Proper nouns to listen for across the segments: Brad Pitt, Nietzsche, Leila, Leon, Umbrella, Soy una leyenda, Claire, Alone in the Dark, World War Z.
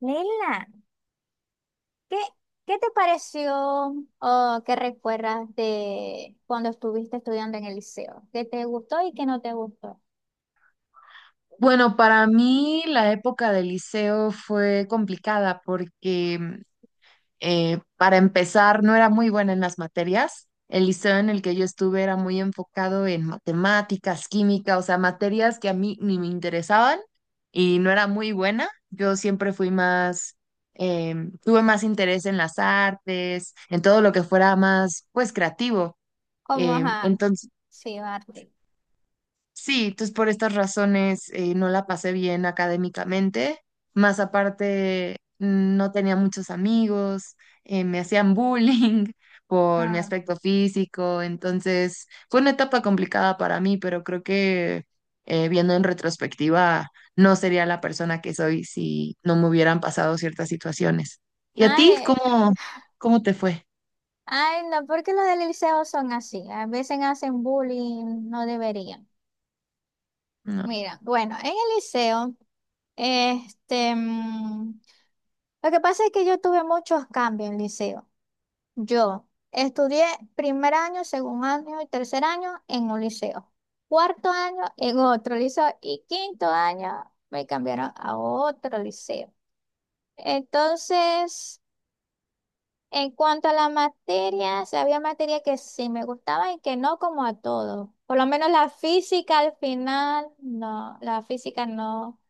Leila, ¿qué, ¿qué te pareció o qué recuerdas de cuando estuviste estudiando en el liceo? ¿Qué te gustó y qué no te gustó? Bueno, para mí la época del liceo fue complicada porque para empezar no era muy buena en las materias. El liceo en el que yo estuve era muy enfocado en matemáticas, química, o sea, materias que a mí ni me interesaban y no era muy buena. Yo siempre fui más, eh, tuve más interés en las artes, en todo lo que fuera más, pues, creativo. ¿Como ajá? Entonces Sí, arte. sí, entonces por estas razones no la pasé bien académicamente, más aparte no tenía muchos amigos, me hacían bullying por mi Ah, aspecto físico, entonces fue una etapa complicada para mí, pero creo que viendo en retrospectiva no sería la persona que soy si no me hubieran pasado ciertas situaciones. ¿Y a ti ay, cómo te fue? ay, no, porque los del liceo son así. A veces hacen bullying, no deberían. No. Mira, bueno, en el liceo, este, mm, lo que pasa es que yo tuve muchos cambios en el liceo. Yo estudié primer año, segundo año y tercer año en un liceo. Cuarto año en otro liceo y quinto año me cambiaron a otro liceo. Entonces, en cuanto a la materia, sí había materia que sí me gustaba y que no, como a todos. Por lo menos la física, al final no, la física no.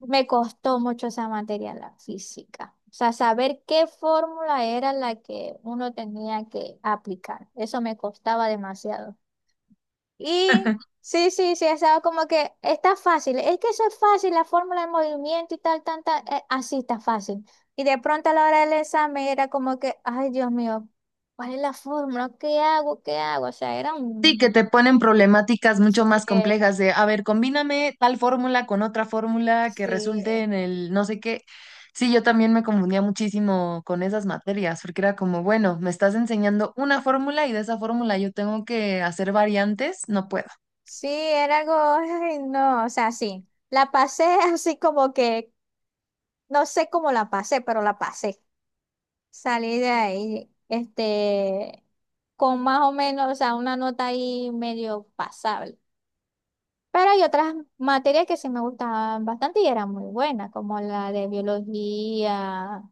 Me costó mucho esa materia, la física. O sea, saber qué fórmula era la que uno tenía que aplicar. Eso me costaba demasiado. Y sí, estaba como que está fácil. Es que eso es fácil, la fórmula de movimiento y tal, tal, tal. Así está fácil. Y de pronto a la hora del examen era como que, ay, Dios mío, ¿cuál es la fórmula? ¿Qué hago? ¿Qué hago? O sea, era Sí, que un... te ponen problemáticas mucho más eh, complejas de, a ver, combíname tal fórmula con otra fórmula que resulte sí. en el no sé qué. Sí, yo también me confundía muchísimo con esas materias, porque era como, bueno, me estás enseñando una fórmula y de esa fórmula yo tengo que hacer variantes, no puedo. Sí, era algo, ay, no, o sea, sí, la pasé así como que, no sé cómo la pasé, pero la pasé. Salí de ahí, con más o menos, o sea, una nota ahí medio pasable. Pero hay otras materias que sí me gustaban bastante y eran muy buenas, como la de biología,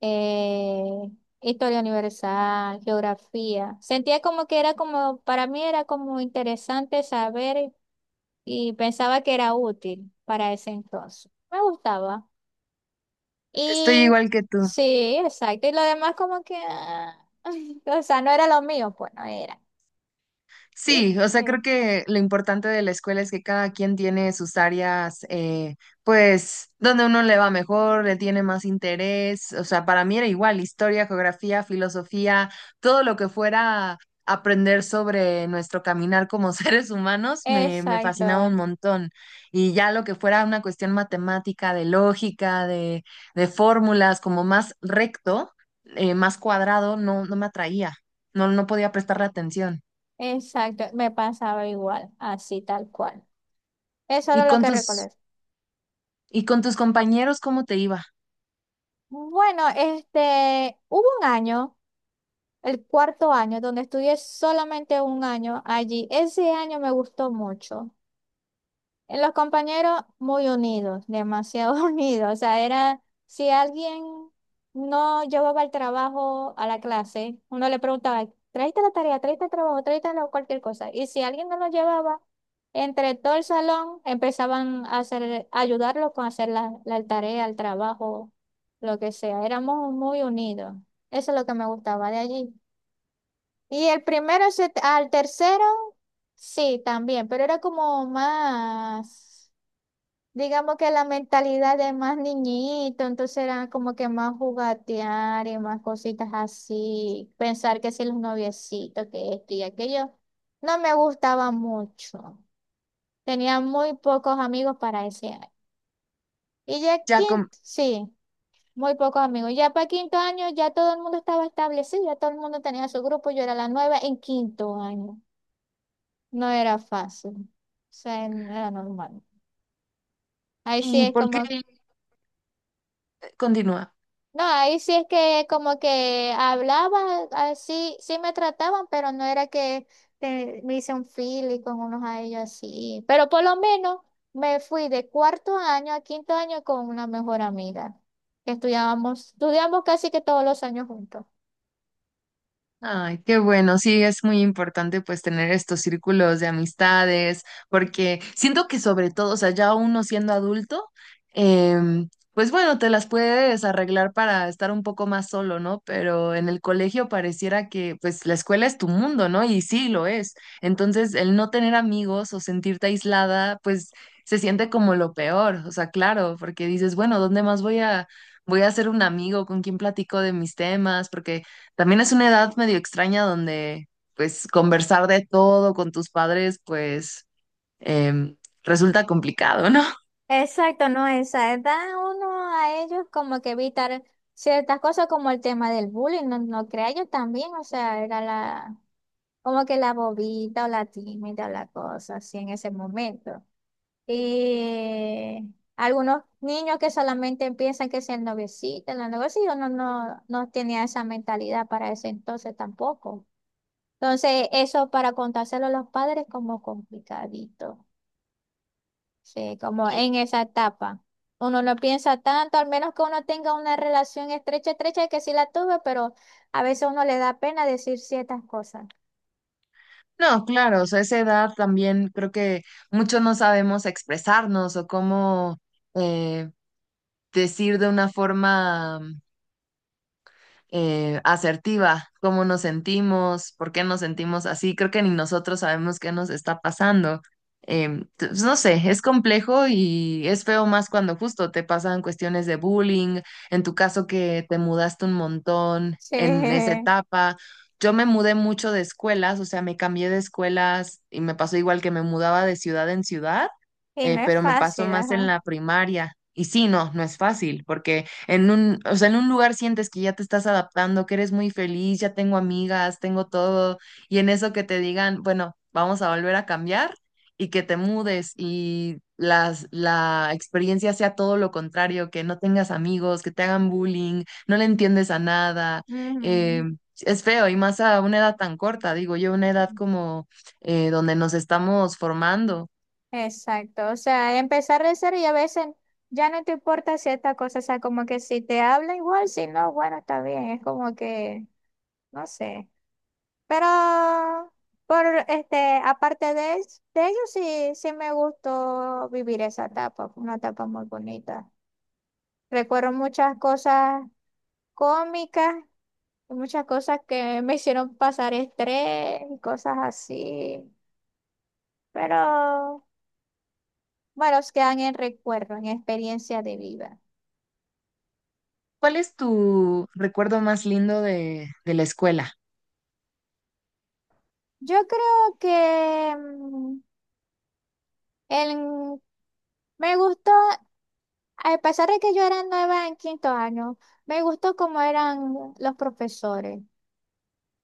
eh, historia universal, geografía. Sentía como que era como, para mí era como interesante saber. Y pensaba que era útil para ese entonces. Me gustaba. Estoy Y igual que tú. sí, exacto. Y lo demás como que, ah, o sea, no era lo mío, pues no era. Y Sí, o sea, sí, creo que lo importante de la escuela es que cada quien tiene sus áreas, pues, donde uno le va mejor, le tiene más interés. O sea, para mí era igual, historia, geografía, filosofía, todo lo que fuera aprender sobre nuestro caminar como seres humanos, me fascinaba un exacto, montón. Y ya lo que fuera una cuestión matemática, de lógica, de fórmulas, como más recto, más cuadrado, no, no me atraía, no, no podía prestarle atención. exacto. Me pasaba igual, así tal cual. Eso era ¿Y lo con que recuerdo. Tus compañeros cómo te iba? Bueno, hubo un año, el cuarto año, donde estudié solamente un año allí. Ese año me gustó mucho. En los compañeros muy unidos, demasiado unidos. O sea, era si alguien no llevaba el trabajo a la clase, uno le preguntaba, tráete la tarea, tráete el trabajo, cualquier cosa. Y si alguien no lo llevaba, entre todo el salón empezaban a hacer, a ayudarlo con hacer la tarea, el trabajo, lo que sea. Éramos muy unidos. Eso es lo que me gustaba de allí. Y al tercero, sí, también, pero era como más. Digamos que la mentalidad de más niñito, entonces era como que más jugatear y más cositas así, pensar que si los noviecitos, que esto y aquello, no me gustaba mucho. Tenía muy pocos amigos para ese año. Y ya Ya con, quinto, sí, muy pocos amigos. Ya para quinto año ya todo el mundo estaba establecido, ya todo el mundo tenía su grupo, yo era la nueva en quinto año. No era fácil, o sea, no era normal. Ahí sí ¿y es por qué como continúa? no, ahí sí es que como que hablaba, así sí sí me trataban, pero no era que me hice un y con unos a ellos así. Pero por lo menos me fui de cuarto año a quinto año con una mejor amiga. Que estudiamos casi que todos los años juntos. Ay, qué bueno, sí, es muy importante pues tener estos círculos de amistades, porque siento que sobre todo, o sea, ya uno siendo adulto, em, pues bueno, te las puedes arreglar para estar un poco más solo, ¿no? Pero en el colegio pareciera que pues la escuela es tu mundo, ¿no? Y sí lo es. Entonces, el no tener amigos o sentirte aislada, pues se siente como lo peor, o sea, claro, porque dices, bueno, ¿dónde más voy a... Voy a hacer un amigo con quien platico de mis temas, porque también es una edad medio extraña donde, pues, conversar de todo con tus padres, pues, em, resulta complicado, ¿no? Exacto, no, esa edad. Uno a ellos como que evitar ciertas cosas como el tema del bullying, no, no crea yo también, o sea, era la como que la bobita o la tímida o la cosa así en ese momento. Y algunos niños que solamente piensan que es el noviecito, no, no, no tenía esa mentalidad para ese entonces tampoco. Entonces, eso para contárselo a los padres como complicadito, sí, como en esa etapa. Uno no piensa tanto, al menos que uno tenga una relación estrecha, estrecha, que sí la tuve, pero a veces uno le da pena decir ciertas cosas. No, claro, o sea, esa edad también creo que muchos no sabemos expresarnos o cómo eh, decir de una forma asertiva, cómo nos sentimos, por qué nos sentimos así. Creo que ni nosotros sabemos qué nos está pasando. Pues, no sé, es complejo y es feo más cuando justo te pasan cuestiones de bullying, en tu caso que te mudaste un montón en esa Sí, etapa. Yo me mudé mucho de escuelas, o sea, me cambié de escuelas y me pasó igual que me mudaba de ciudad en ciudad, y no es pero me pasó fácil, más en ajá. la primaria. Y sí, no, no es fácil, porque en un, o sea, en un lugar sientes que ya te estás adaptando, que eres muy feliz, ya tengo amigas, tengo todo, y en eso que te digan, bueno, vamos a volver a cambiar y que te mudes y la experiencia sea todo lo contrario, que no tengas amigos, que te hagan bullying, no le entiendes a nada, Ujú. eh, es feo y más a una edad tan corta, digo yo, una edad como donde nos estamos formando. Exacto, o sea, empezar de cero y a veces ya no te importa cierta cosa, o sea, como que si te habla igual, si no, bueno, está bien, es como que, no sé, pero por este, aparte de, de ello, sí, sí me gustó vivir esa etapa, fue una etapa muy bonita. Recuerdo muchas cosas cómicas, y muchas cosas que me hicieron pasar estrés y cosas así, pero bueno, quedan en recuerdo, en experiencia de vida. ¿Cuál es tu recuerdo más lindo de la escuela? Yo creo que el- me gustó, a pesar de que yo era nueva en quinto año, me gustó cómo eran los profesores.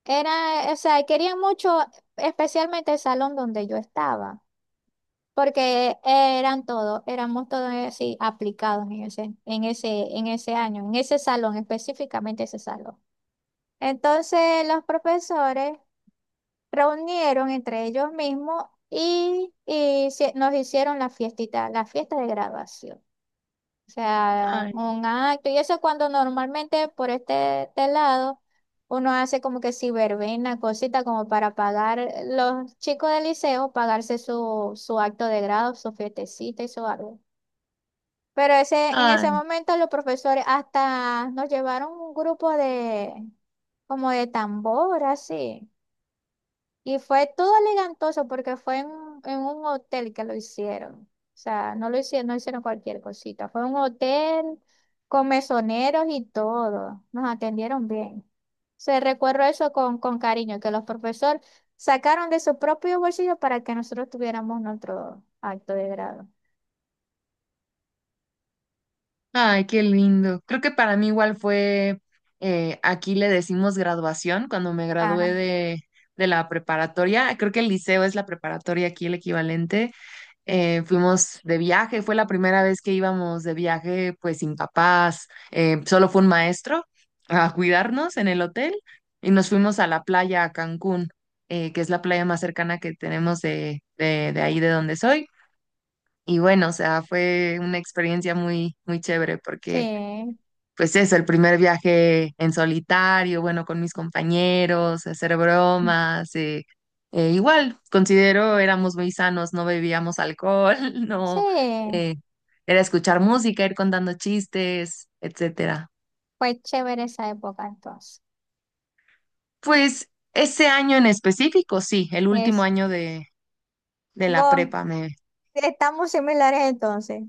Era, o sea, querían mucho, especialmente el salón donde yo estaba, porque eran todos, éramos todos así aplicados en ese año, en ese salón, específicamente ese salón. Entonces, los profesores reunieron entre ellos mismos nos hicieron la fiestita, la fiesta de graduación. O sea, Ay, un acto. Y eso es cuando normalmente por este lado uno hace como que si verbena, cosita como para pagar los chicos del liceo, pagarse su acto de grado, su fiestecita y su algo. Pero ese, en ese ay. momento los profesores hasta nos llevaron un grupo de como de tambor, así. Y fue todo elegantoso porque en un hotel que lo hicieron. O sea, no lo hicieron, no hicieron cualquier cosita. Fue un hotel con mesoneros y todo. Nos atendieron bien. Se recuerdo eso con cariño, que los profesores sacaron de su propio bolsillo para que nosotros tuviéramos nuestro acto de grado. Ay, qué lindo. Creo que para mí igual fue, aquí le decimos graduación, cuando me Ajá. gradué de la preparatoria, creo que el liceo es la preparatoria aquí el equivalente, fuimos de viaje, fue la primera vez que íbamos de viaje pues sin papás, solo fue un maestro a cuidarnos en el hotel y nos fuimos a la playa a Cancún, que es la playa más cercana que tenemos de ahí de donde soy. Y bueno, o sea, fue una experiencia muy chévere porque Sí, pues eso, el primer viaje en solitario, bueno, con mis compañeros, hacer bromas, igual, considero éramos muy sanos, no bebíamos alcohol, no, sí, eh, era escuchar música, ir contando chistes, etcétera. fue chévere esa época entonces. Pues ese año en específico, sí, el último Es, año de la go, prepa estamos similares entonces.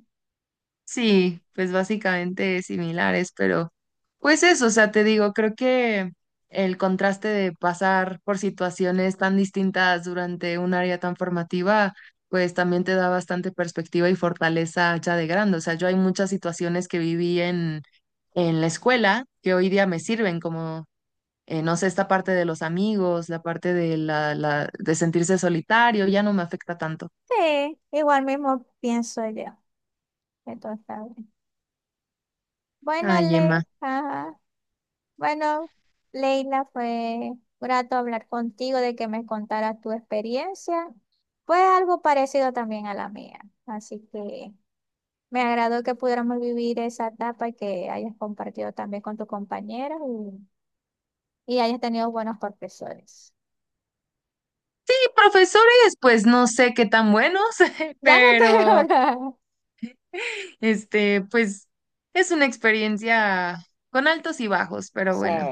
sí, pues básicamente similares, pero pues eso, o sea, te digo, creo que el contraste de pasar por situaciones tan distintas durante un área tan formativa, pues también te da bastante perspectiva y fortaleza ya de grande. O sea, yo hay muchas situaciones que viví en la escuela que hoy día me sirven, como, no sé, esta parte de los amigos, la parte de, de sentirse solitario, ya no me afecta tanto. Sí, igual mismo pienso yo. Que todo está bien. Bueno, Ay, Le, Emma. ajá. Bueno, Leila, fue grato hablar contigo de que me contaras tu experiencia. Fue algo parecido también a la mía. Así que me agradó que pudiéramos vivir esa etapa y que hayas compartido también con tus compañeros y hayas tenido buenos profesores. Profesores, pues no sé qué tan buenos, Ya no te pero ahora. este, pues es una experiencia con altos y bajos, pero Sí, bueno,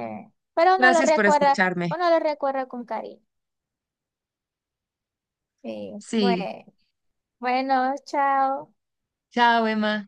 pero gracias por escucharme. uno lo recuerda con cariño. Sí, Sí, bueno. Bueno, chao. chao, Emma.